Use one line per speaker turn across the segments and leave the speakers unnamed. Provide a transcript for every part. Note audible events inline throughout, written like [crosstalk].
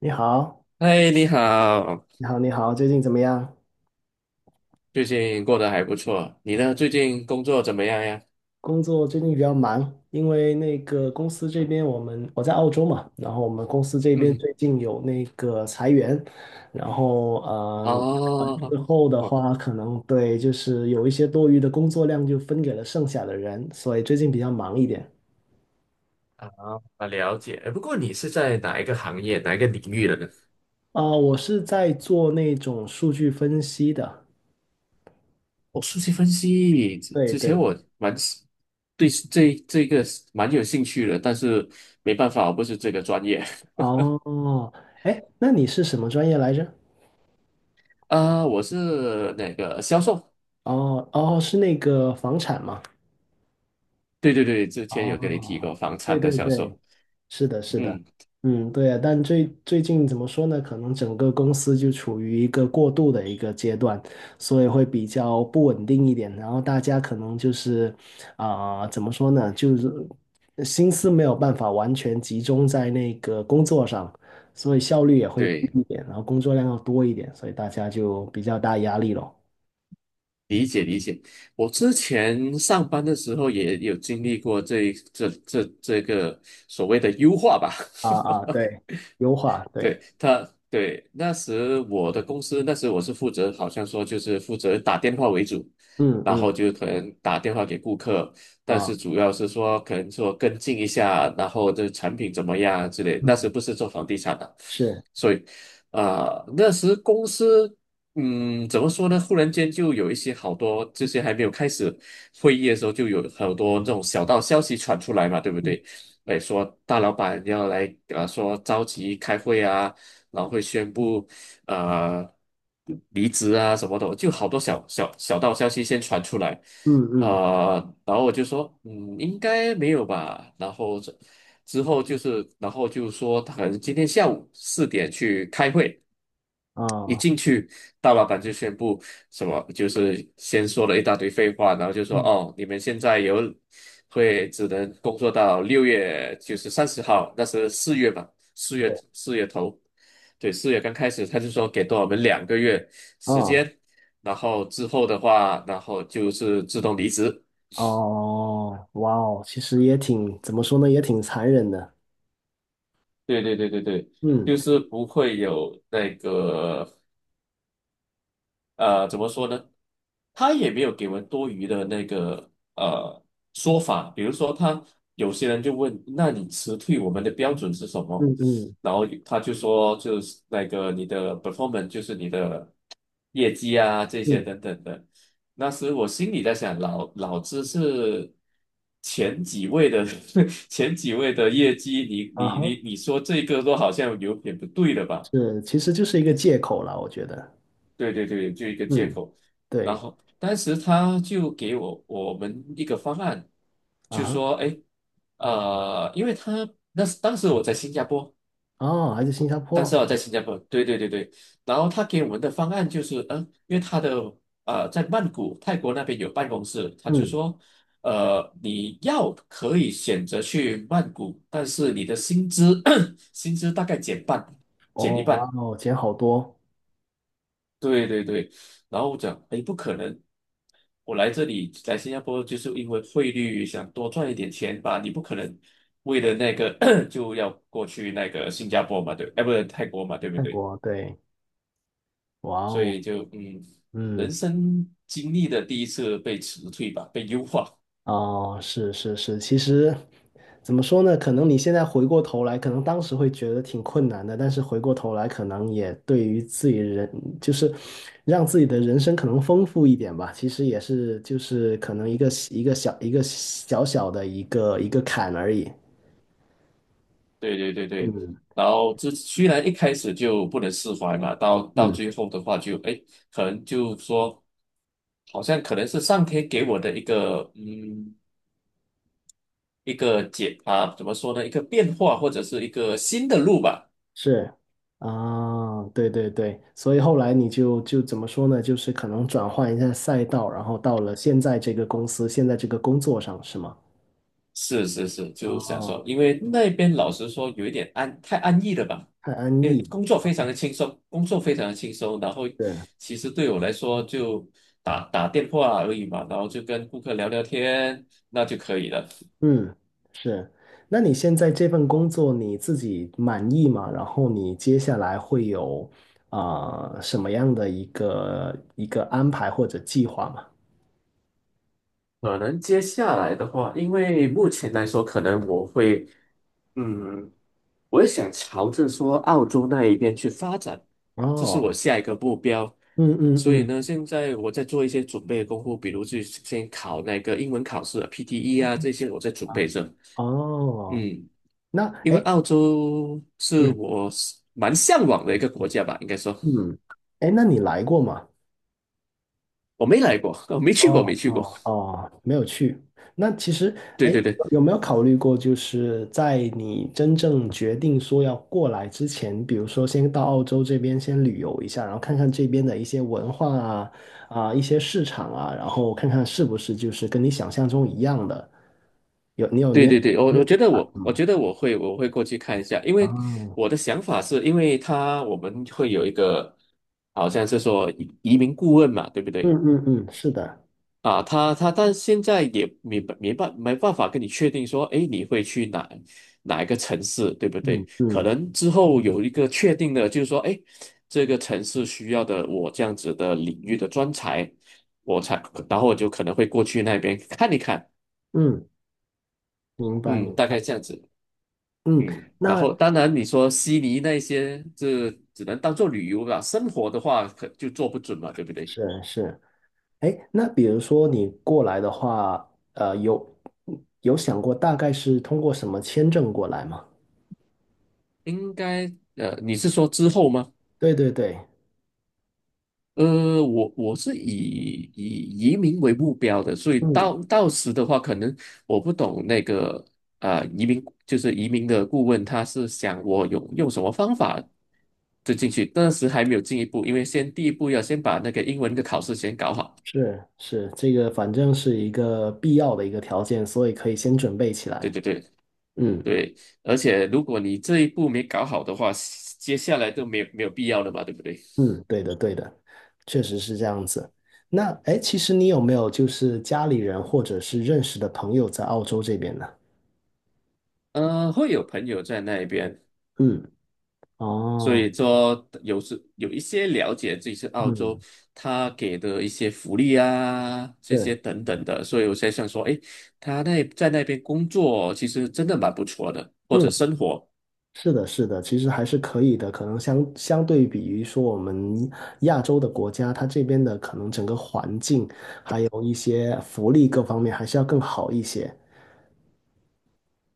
你好，
嗨，你好，
你好，你好，最近怎么样？
最近过得还不错，你呢？最近工作怎么样呀？
工作最近比较忙，因为那个公司这边我在澳洲嘛，然后我们公司这边
嗯，
最近有那个裁员，然后裁完
哦，
之后的
我
话，可能对就是有一些多余的工作量就分给了剩下的人，所以最近比较忙一点。
啊了解。不过你是在哪一个行业、哪一个领域的呢？
我是在做那种数据分析的，
哦，数据分析，之
对
之前
对，
我蛮喜对，这个是蛮有兴趣的，但是没办法，我不是这个专业。[laughs]
哦，哎，那你是什么专业来着？
啊、我是那个销售，
哦哦，是那个房产吗？
对对对，之前有跟你提
哦，
过房
对
产的
对
销
对，
售。
是的，是的，
嗯，
嗯，对啊，但最近怎么说呢？可能整个公司就处于一个过渡的一个阶段，所以会比较不稳定一点。然后大家可能就是，怎么说呢？就是心思没有办法完全集中在那个工作上，所以效率也会低
对。
一点，然后工作量要多一点，所以大家就比较大压力咯。
理解理解，我之前上班的时候也有经历过这个所谓的优化吧，
啊啊，
[laughs]
对，优化，对，
对他，对那时我的公司，那时我是负责，好像说就是负责打电话为主，
嗯
然
嗯
后就可能打电话给顾客，但
啊，
是主要是说可能说跟进一下，然后这产品怎么样之类。那
嗯，
时不是做房地产的，
是。
所以啊、那时公司怎么说呢？忽然间就有一些好多这些还没有开始会议的时候，就有好多这种小道消息传出来嘛，对不对？
嗯
哎，说大老板要来，说召集开会啊，然后会宣布，呃，离职啊什么的，就好多小道消息先传出来，
嗯嗯，
啊，然后我就说，应该没有吧。然后这之后就是，然后就说他可能今天下午4点去开会。一
啊，
进去，大老板就宣布什么，就是先说了一大堆废话，然后就说
嗯，
哦，你们现在有会只能工作到6月，就是30号，那是四月吧，四
对，
月四月头，对，4月刚开始，他就说给多我们2个月时
啊，
间，然后之后的话，然后就是自动离职。
哦，哇哦，其实也挺，怎么说呢，也挺残忍的。
对对对对对，
嗯
就是不会有那个。怎么说呢？他也没有给我们多余的那个呃说法，比如说他有些人就问，那你辞退我们的标准是什么？
嗯嗯
然后他就说，就是那个你的 performance,就是你的业绩啊这些
嗯，
等等的。那时我心里在想，老子是前几位的 [laughs] 前几位的业绩，你
啊
你你
哈，
你说这个都好像有点不对了吧？
是，其实就是一个借口了，我觉得。
对对对，就一个借
嗯，
口。然
对，
后当时他就给我们一个方案，
啊
就
哈，
说，哎，因为他那时当时我在新加坡，
哦，还是新加
当
坡。
时我在新加坡，对对对对。然后他给我们的方案就是，因为他的在曼谷泰国那边有办公室，他就
嗯，
说，你要可以选择去曼谷，但是你的薪资 [coughs] [clears throat] 薪资大概减半，减
哦，
一
哇
半。
哦，钱好多，
对对对。然后我讲，哎，不可能，我来这里来新加坡就是因为汇率想多赚一点钱吧，你不可能为了那个 [clears throat] 就要过去那个新加坡嘛，对，哎，不是泰国嘛，对不
泰
对？
国，对，哇
所
哦，
以就人
嗯。
生经历的第一次被辞退吧，被优化
哦，是是是，其实怎么说呢？可能你现在回过头来，可能当时会觉得挺困难的，但是回过头来，可能也对于自己人，就是让自己的人生可能丰富一点吧。其实也是，就是
[laughs]。
可能
嗯，
一个小小的一个坎而已。
对对对对，
嗯
然后这虽然一开始就不能释怀嘛，到
嗯，
最后的话就哎，诶可能就说，好像可能是上天给我的一个解啊，怎么说呢？一个变化或者是一个新的路吧。
是啊，对对对，所以后来你就怎么说呢？就是可能转换一下赛道，然后到了现在这个公司，现在这个工作上，是吗？
是是是，就想
哦
说，因为那边老实说有一点安，太安逸了吧？
太安
因为
逸
工作非常的轻松，工作非常的轻松，然后
对，是
其实对我来说就打打电话而已嘛，然后就跟顾客聊聊天，那就可以了。
嗯，是。那你现在这份工作你自己满意吗？然后你接下来会有什么样的一个安排或者计划吗？
可能接下来的话，因为目前来说，可能我会，嗯。我也想朝着说澳洲那一边去发展，这是我
哦，
下一个目标。
嗯嗯
所以
嗯，
呢，现在我在做一些准备的功夫，比如去先考那个英文考试啊 PTE 啊，这些我在准
啊
备着。
哦，
嗯，
那
因
哎，
为
诶
澳洲是
嗯
我是蛮向往的一个国家吧，应该说
嗯，哎，那你来过吗？
我没来过，[laughs] 我没去过，没
哦
去过。
哦哦，没有去。那其实，
对
哎，
对对，
有没有考虑过，就是在你真正决定说要过来之前，比如说先到澳洲这边先旅游一下，然后看看这边的一些文化啊一些市场啊，然后看看是不是就是跟你想象中一样的。有你
对对对，我觉得我会过去看一下，因
啊，
为
哦
我的想法是因为我们会有一个好像是说移民顾问嘛，对不
嗯
对？
嗯嗯，是的，
啊，他但现在也没办法跟你确定说，哎，你会去哪一个城市，对不对？
嗯
可
嗯
能之后有一个确定的，就是说，哎，这个城市需要的我这样子的领域的专才，我才，然后我就可能会过去那边看一看，
嗯，明白明
嗯，大
白，
概这样子。
嗯，
嗯，然后
那
当然你说悉尼那些，这只能当做旅游啦，生活的话可就做不准嘛，对不对？
是是。哎，那比如说你过来的话，呃，有有想过大概是通过什么签证过来吗？
应该你是说之后吗？
对对对，
我是以移民为目标的，所以
嗯，
到时的话，可能我不懂那个啊、移民就是移民的顾问，他是想我有用什么方法就进去，但是还没有进一步，因为先第一步要先把那个英文的考试先搞好。
是是，这个反正是一个必要的一个条件，所以可以先准备起
对
来。
对对，
嗯
对，而且如果你这一步没搞好的话，接下来都没有必要了嘛，对不对？
嗯，对的对的，确实是这样子。那哎，诶其实你有没有就是家里人或者是认识的朋友在澳洲这边呢？
会有朋友在那边，
嗯，
所
哦，
以说有时有一些了解这次澳洲
嗯，
他给的一些福利啊，这
对，
些等等的，所以我才想说，诶，他那在那边工作其实真的蛮不错的，或者
嗯。
生活。
是的，是的，其实还是可以的。可能相对比于说我们亚洲的国家，它这边的可能整个环境，还有一些福利各方面，还是要更好一些。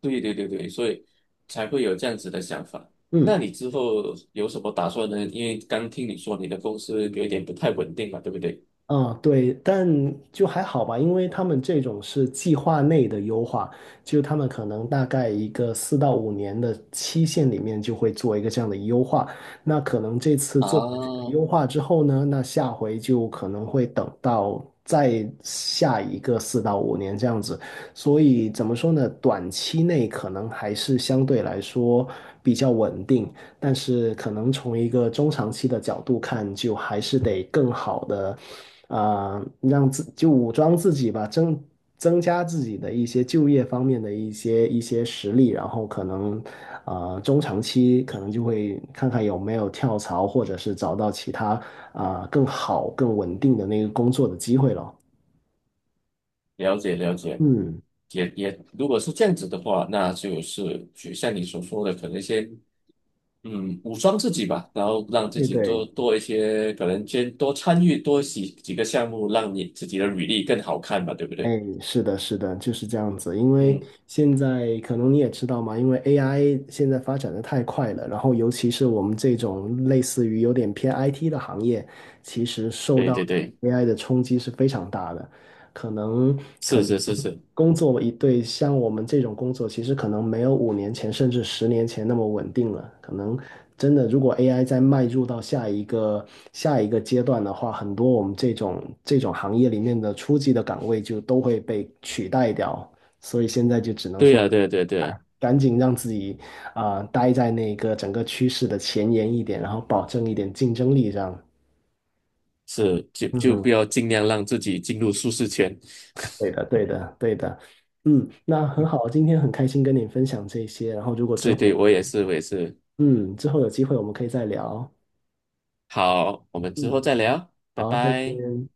对对对对，所以才会有这样子的想法。那
嗯。
你之后有什么打算呢？因为刚听你说你的公司有一点不太稳定嘛，对不对？
嗯，对，但就还好吧，因为他们这种是计划内的优化，就他们可能大概一个四到五年的期限里面就会做一个这样的优化。那可能这次做完这个
啊，
优化之后呢，那下回就可能会等到再下一个四到五年这样子。所以怎么说呢，短期内可能还是相对来说比较稳定。但是可能从一个中长期的角度看，就还是得更好的，就武装自己吧，增加自己的一些就业方面的一些实力，然后可能，中长期可能就会看看有没有跳槽，或者是找到其他更好、更稳定的那个工作的机会了。
了解了解，
嗯，
如果是这样子的话，那就像你所说的，可能先武装自己吧，然后让自
对
己
对。
多多一些，可能先多参与多几个项目，让你自己的履历更好看吧，对不
哎，
对？
是的，是的，就是这样子。因为
嗯，
现在可能你也知道嘛，因为 AI 现在发展的太快了，然后尤其是我们这种类似于有点偏 IT 的行业，其实受
对
到
对对，
AI 的冲击是非常大的。可能可
是
能
是是是，
工作一对像我们这种工作，其实可能没有5年前甚至10年前那么稳定了。可能真的，如果 AI 再迈入到下一个阶段的话，很多我们这种行业里面的初级的岗位就都会被取代掉。所以现在就只能
对
说，
呀、啊、对呀、啊、对呀、啊、对呀、啊，
赶紧让自己待在那个整个趋势的前沿一点，然后保证一点竞争力这样。
是就不
嗯
要尽量让自己进入舒适圈。
对的，对的，对的，嗯，那很好，今天很开心跟你分享这些，然后如果之
是
后，
对，我也是我也是。
嗯，之后有机会我们可以再聊，
好，我们之后
嗯，
再聊，拜
好，再
拜。
见。